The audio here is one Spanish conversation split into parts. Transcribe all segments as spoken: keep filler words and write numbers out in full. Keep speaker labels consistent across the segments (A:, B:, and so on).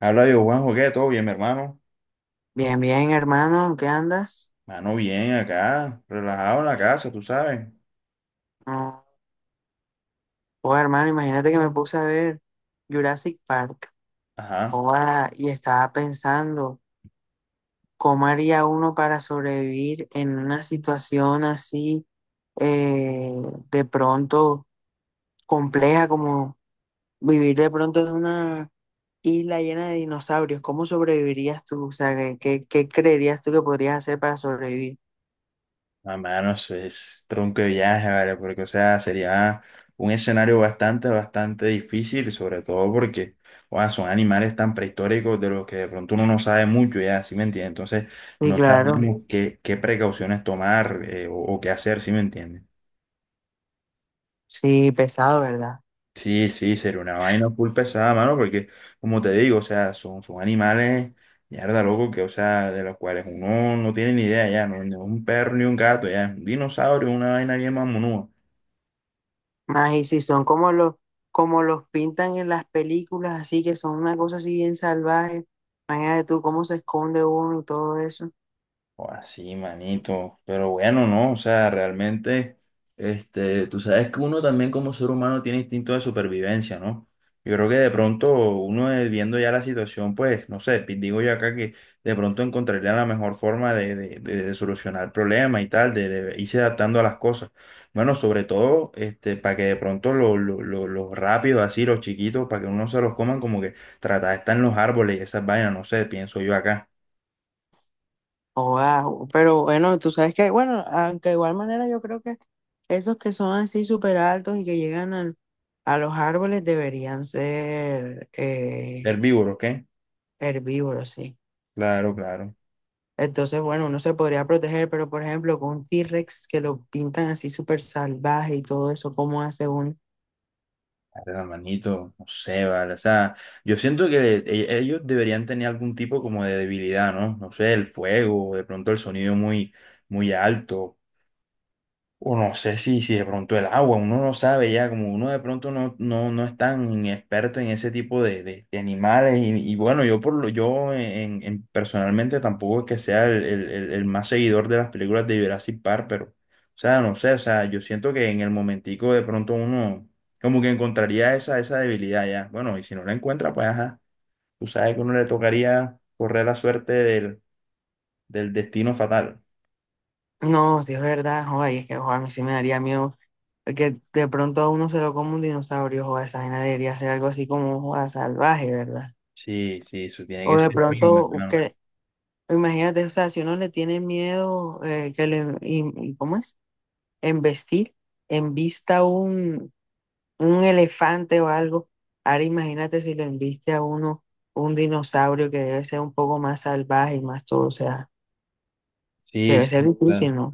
A: Habla yo, Juanjo, ¿qué? ¿Todo bien, mi hermano?
B: Bien, bien, hermano, ¿qué andas?
A: Mano, bien, acá, relajado en la casa, tú sabes.
B: No. Oh, hermano, imagínate que me puse a ver Jurassic Park.
A: Ajá.
B: Oh, ah, y estaba pensando, ¿cómo haría uno para sobrevivir en una situación así, eh, de pronto compleja como vivir de pronto en una isla llena de dinosaurios? ¿Cómo sobrevivirías tú? O sea, ¿qué, qué qué creerías tú que podrías hacer para sobrevivir?
A: Ah, mano, eso es tronco de viaje, ¿vale? Porque, o sea, sería un escenario bastante, bastante difícil, sobre todo porque, sea, son animales tan prehistóricos de los que de pronto uno no sabe mucho, ya, ¿sí me entiendes? Entonces,
B: Sí,
A: no
B: claro,
A: sabemos qué, qué precauciones tomar eh, o, o qué hacer, ¿sí me entiendes?
B: sí, pesado, ¿verdad?
A: Sí, sí, sería una vaina full pesada, mano, porque como te digo, o sea, son, son animales, mierda, loco, que, o sea, de los cuales uno no tiene ni idea ya, no, ni un perro ni un gato, ya, es un dinosaurio, una vaina bien mamonúa.
B: Ay, si son como los, como los pintan en las películas, así que son una cosa así bien salvaje. Imagínate tú cómo se esconde uno y todo eso.
A: Ahora sí, manito. Pero bueno, no, o sea, realmente, este, tú sabes que uno también como ser humano tiene instinto de supervivencia, ¿no? Yo creo que de pronto uno eh, viendo ya la situación, pues, no sé, pi- digo yo acá que de pronto encontraría la mejor forma de, de, de- de solucionar el problema y tal, de, de irse adaptando a las cosas. Bueno, sobre todo, este, para que de pronto los lo, lo- lo- los rápidos, así, los chiquitos, para que uno se los coman, como que tratar de estar en los árboles y esas vainas, no sé, pienso yo acá.
B: Wow. Pero bueno, tú sabes que, bueno, aunque de igual manera yo creo que esos que son así súper altos y que llegan al- a los árboles deberían ser, eh,
A: Herbívoros, ¿qué?
B: herbívoros, sí.
A: Claro, claro.
B: Entonces, bueno, uno se podría proteger, pero por ejemplo, con un T-Rex que lo pintan así súper salvaje y todo eso, ¿cómo hace uno?
A: Verga, Manito, no sé, vale. O sea, yo siento que e- ellos deberían tener algún tipo como de debilidad, ¿no? No sé, el fuego, de pronto el sonido muy, muy alto. O no sé si, si de pronto el agua, uno no sabe ya, como uno de pronto no, no, no es tan experto en ese tipo de, de- de animales. Y, y bueno, yo por lo, yo en, en- personalmente tampoco es que sea el, el- el- el más seguidor de las películas de Jurassic Park, pero, o sea, no sé, o sea, yo siento que en el momentico de pronto uno como que encontraría esa, esa debilidad ya. Bueno, y si no la encuentra, pues ajá, tú sabes que uno le tocaría correr la suerte del, del destino fatal.
B: No, sí es verdad, joder, y es que joder, a mí sí me daría miedo que de pronto a uno se lo coma un dinosaurio, joder, esa vaina debería ser algo así como joder, salvaje, ¿verdad?
A: Sí, sí, eso tiene
B: O
A: que
B: de
A: ser feo, mi
B: pronto,
A: hermano.
B: que, imagínate, o sea, si uno le tiene miedo, eh, que le, y- y- ¿cómo es? Embestir, embista un, un elefante o algo, ahora imagínate si le embiste a uno un dinosaurio que debe ser un poco más salvaje y más todo, o sea,
A: Sí,
B: debe ser
A: sí, claro.
B: difícil, no.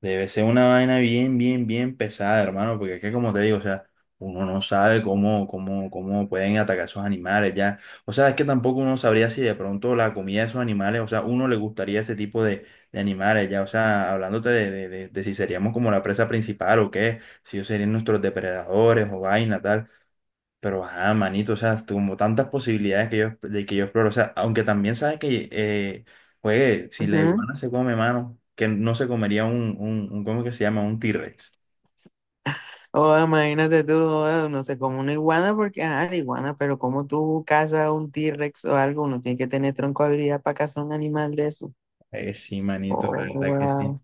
A: Debe ser una vaina bien, bien, bien pesada, hermano, porque es que como te digo, o sea, uno no sabe cómo, cómo, cómo pueden atacar esos animales ya. O sea, es que tampoco uno sabría si de pronto la comida de esos animales, o sea, uno le gustaría ese tipo de, de animales ya. O sea, hablándote de, de, de- de si seríamos como la presa principal o qué, si ellos serían nuestros depredadores o vaina, tal. Pero, ah, manito, o sea, como tantas posibilidades que yo, de que yo exploro. O sea, aunque también sabes que, eh, juegue, si la iguana se come, mano, que no se comería un, un, un ¿cómo que se llama? Un T-Rex.
B: Oh, imagínate tú, oh, no sé, como una iguana, porque, ah, la iguana, pero como tú cazas un T-Rex o algo, uno tiene que tener tronco habilidad para cazar un animal de eso.
A: Eh, sí, manito, la
B: Oh,
A: verdad que sí.
B: wow.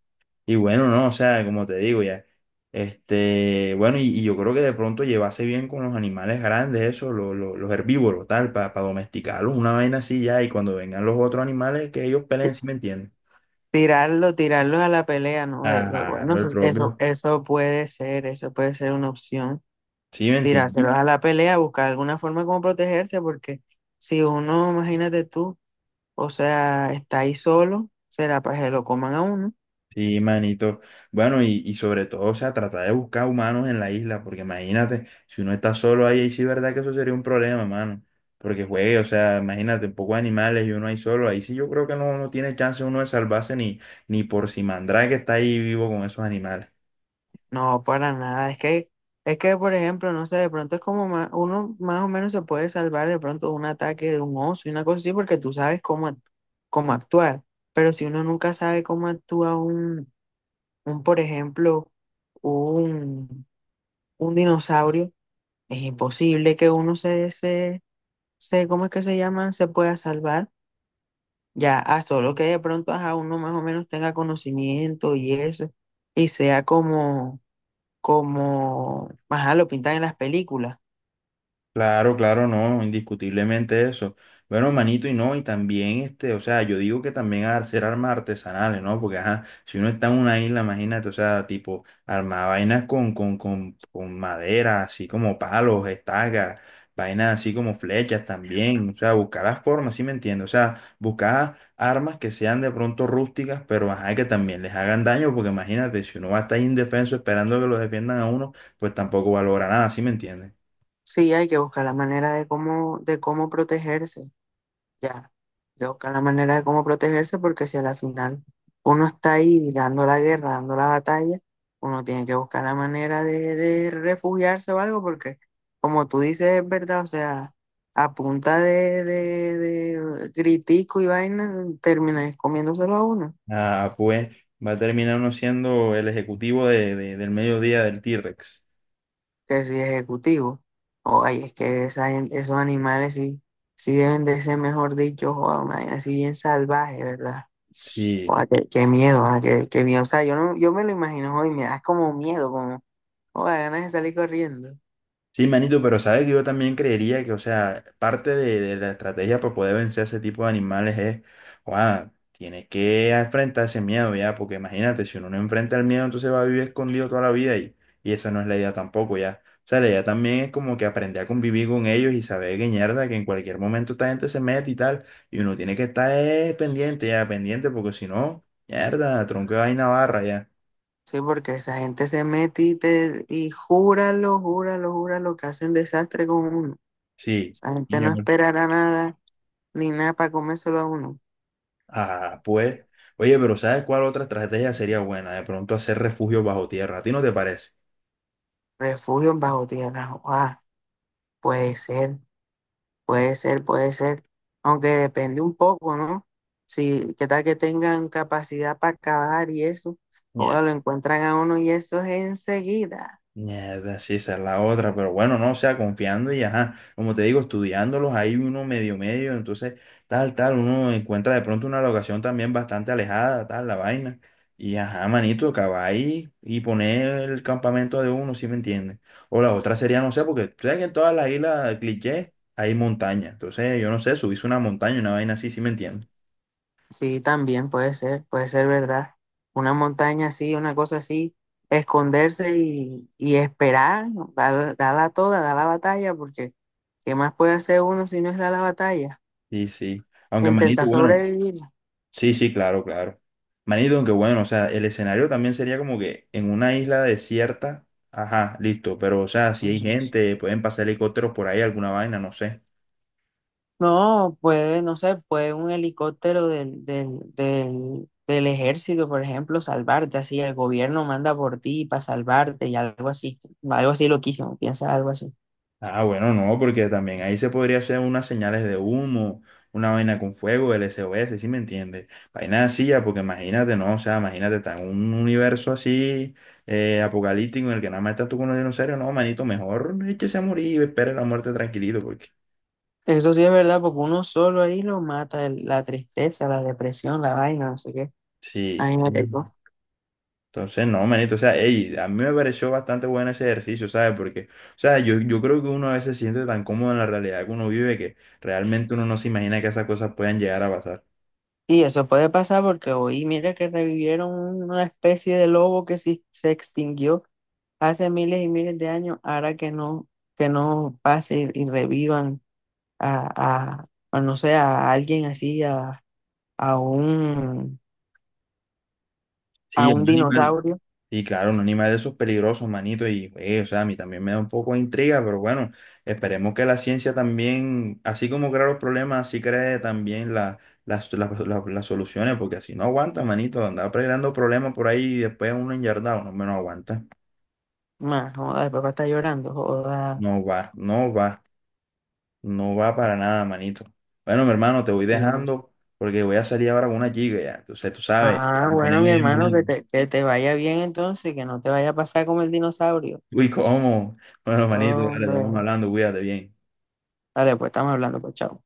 A: Y bueno, no, o sea, como te digo ya, este, bueno, y, y yo creo que de pronto llevase bien con los animales grandes, eso, lo- lo- los herbívoros, tal, para domesticarlos, una vaina así ya, y cuando vengan los otros animales, que ellos peleen, ¿sí me entienden?
B: Tirarlo, tirarlo a la pelea, ¿no? De- lo-
A: Ajá,
B: bueno, eso,
A: el
B: eso
A: propio.
B: eso puede ser, eso puede ser una opción.
A: Sí, me entiendes.
B: Tirárselos a la pelea, buscar alguna forma como protegerse, porque si uno, imagínate tú, o sea, está ahí solo, será para que lo coman a uno.
A: Sí, manito. Bueno, y, y sobre todo, o sea, tratar de buscar humanos en la isla, porque imagínate, si uno está solo ahí, ahí sí, verdad que eso sería un problema, mano. Porque juegue, o sea, imagínate, un poco de animales y uno ahí solo, ahí sí yo creo que no, no tiene chance uno de salvarse ni, ni por si Mandrake está ahí vivo con esos animales.
B: No, para nada. Es que, es que, por ejemplo, no sé, de pronto es como ma- uno más o menos se puede salvar de pronto de un ataque de un oso y una cosa así, porque tú sabes cómo, act- cómo actuar. Pero si uno nunca sabe cómo actúa un, un, por ejemplo, un, un dinosaurio, es imposible que uno se, se, se, ¿cómo es que se llama? Se pueda salvar. Ya, a solo que de pronto a uno más o menos tenga conocimiento y eso, y sea como como, ajá, lo pintan en las películas.
A: Claro, claro, no, indiscutiblemente eso. Bueno, manito, y no, y también este, o sea, yo digo que también hacer armas artesanales, ¿no? Porque, ajá, si uno está en una isla, imagínate, o sea, tipo, armar vainas con, con, con, con madera, así como palos, estacas, vainas así como flechas también, o sea, buscar las formas, ¿sí me entiendes? O sea, buscar armas que sean de pronto rústicas, pero, ajá, que también les hagan daño, porque imagínate, si uno va a estar indefenso esperando que lo defiendan a uno, pues tampoco valora nada, ¿sí me entiendes?
B: Sí, hay que buscar la manera de cómo, de cómo protegerse, ya. Hay que buscar la manera de cómo protegerse porque si a la final uno está ahí dando la guerra, dando la batalla, uno tiene que buscar la manera de, de refugiarse o algo porque, como tú dices, es verdad, o sea, a punta de, de, de gritico y vaina, terminas comiéndoselo a uno.
A: Ah, pues va a terminar uno siendo el ejecutivo de, de- del mediodía del T-Rex.
B: Que si ejecutivo. O ay, es que esa gen- esos animales sí, sí deben de ser, mejor dicho, joda, una vaina así bien salvaje, ¿verdad?
A: Sí,
B: Joda, qué, qué miedo, ah, qué, qué miedo. O sea, yo no, yo me lo imagino hoy, me da como miedo, como joda, ganas de salir corriendo.
A: sí, manito, pero sabes que yo también creería que, o sea, parte de, de la estrategia para poder vencer a ese tipo de animales es, wow, tienes que enfrentar ese miedo ya, porque imagínate, si uno no enfrenta el miedo, entonces va a vivir escondido toda la vida y, y esa no es la idea tampoco ya. O sea, la idea también es como que aprender a convivir con ellos y saber que mierda, que en cualquier momento esta gente se mete y tal, y uno tiene que estar eh, pendiente ya, pendiente, porque si no, mierda, tronco de vaina barra ya.
B: Sí, porque esa gente se mete y, te, y júralo, júralo, júralo que hacen desastre con uno.
A: Sí.
B: Esa gente no esperará nada, ni nada para comérselo a uno.
A: Ah, pues, oye, pero ¿sabes cuál otra estrategia sería buena? De pronto hacer refugio bajo tierra. ¿A ti no te parece?
B: Refugios bajo tierra, joda, puede ser. Puede ser, puede ser, aunque depende un poco, ¿no? Si, qué tal que tengan capacidad para cavar y eso, o
A: Mierda,
B: lo encuentran a uno y eso es enseguida.
A: mierda, sí, esa es la otra, pero bueno, no, o sea, confiando y ajá, como te digo, estudiándolos, hay uno medio medio, entonces tal, tal, uno encuentra de pronto una locación también bastante alejada, tal, la vaina, y ajá, manito, acabar ahí y poner el campamento de uno, ¿sí me entiendes? O la otra sería, no sé, porque tú sabes que en todas las islas cliché hay montaña, entonces yo no sé, subirse una montaña, una vaina así, ¿sí me entiendes?
B: Sí, también puede ser, puede ser verdad. Una montaña así, una cosa así, esconderse y, y esperar, dar, darla toda, dar la batalla, porque ¿qué más puede hacer uno si no es dar la batalla?
A: Sí, sí. Aunque Manito,
B: Intentar
A: bueno,
B: sobrevivir.
A: sí, sí, claro, claro. Manito, aunque bueno, o sea, el escenario también sería como que en una isla desierta, ajá, listo, pero o sea, si hay
B: Ujú.
A: gente, pueden pasar helicópteros por ahí, alguna vaina, no sé.
B: No, puede, no sé, puede un helicóptero del, del, del, del ejército, por ejemplo, salvarte, así el gobierno manda por ti para salvarte y algo así, algo así loquísimo, piensa algo así.
A: Ah, bueno, no, porque también ahí se podría hacer unas señales de humo, una vaina con fuego, el S O S, ¿sí me entiendes? Vaina así, ya, porque imagínate, no, o sea, imagínate, está en un universo así, eh, apocalíptico, en el que nada más estás tú con los dinosaurios, no, manito, mejor échese a morir y espere la muerte tranquilito.
B: Eso sí es verdad, porque uno solo ahí lo mata, el- la tristeza, la depresión, la vaina, no sé qué.
A: Sí.
B: Ay, me
A: Mm.
B: pegó.
A: Entonces, no, manito, o sea, ey, a mí me pareció bastante bueno ese ejercicio, ¿sabes? Porque, o sea, yo, yo creo que uno a veces se siente tan cómodo en la realidad que uno vive que realmente uno no se imagina que esas cosas puedan llegar a pasar.
B: Y eso puede pasar porque hoy, mira que revivieron una especie de lobo que sí se extinguió hace miles y miles de años, ahora que no, que no pase y revivan a, a- a, no sé, a alguien así, a, a un, a
A: Sí,
B: un
A: un animal,
B: dinosaurio.
A: y claro, un animal de esos peligrosos, manito, y, eh, o sea, a mí también me da un poco de intriga, pero bueno, esperemos que la ciencia también, así como crea los problemas, así cree también la- las, las, las- las soluciones, porque así no aguanta, manito, andar creando problemas por ahí y después uno enyardado, no, no aguanta.
B: Más, joda, el papá está llorando, joda.
A: No va, no va, no va para nada, manito. Bueno, mi hermano, te voy
B: Sí.
A: dejando porque voy a salir ahora con una chica ya. Entonces, tú sabes,
B: Ah,
A: voy a
B: bueno,
A: ponerme
B: mi
A: bien
B: hermano, que
A: bonito.
B: te, que te vaya bien entonces, que no te vaya a pasar como el dinosaurio.
A: Uy, ¿cómo? Bueno, manito, dale, estamos
B: Hombre,
A: hablando, cuídate bien.
B: dale, pues estamos hablando, pues chao.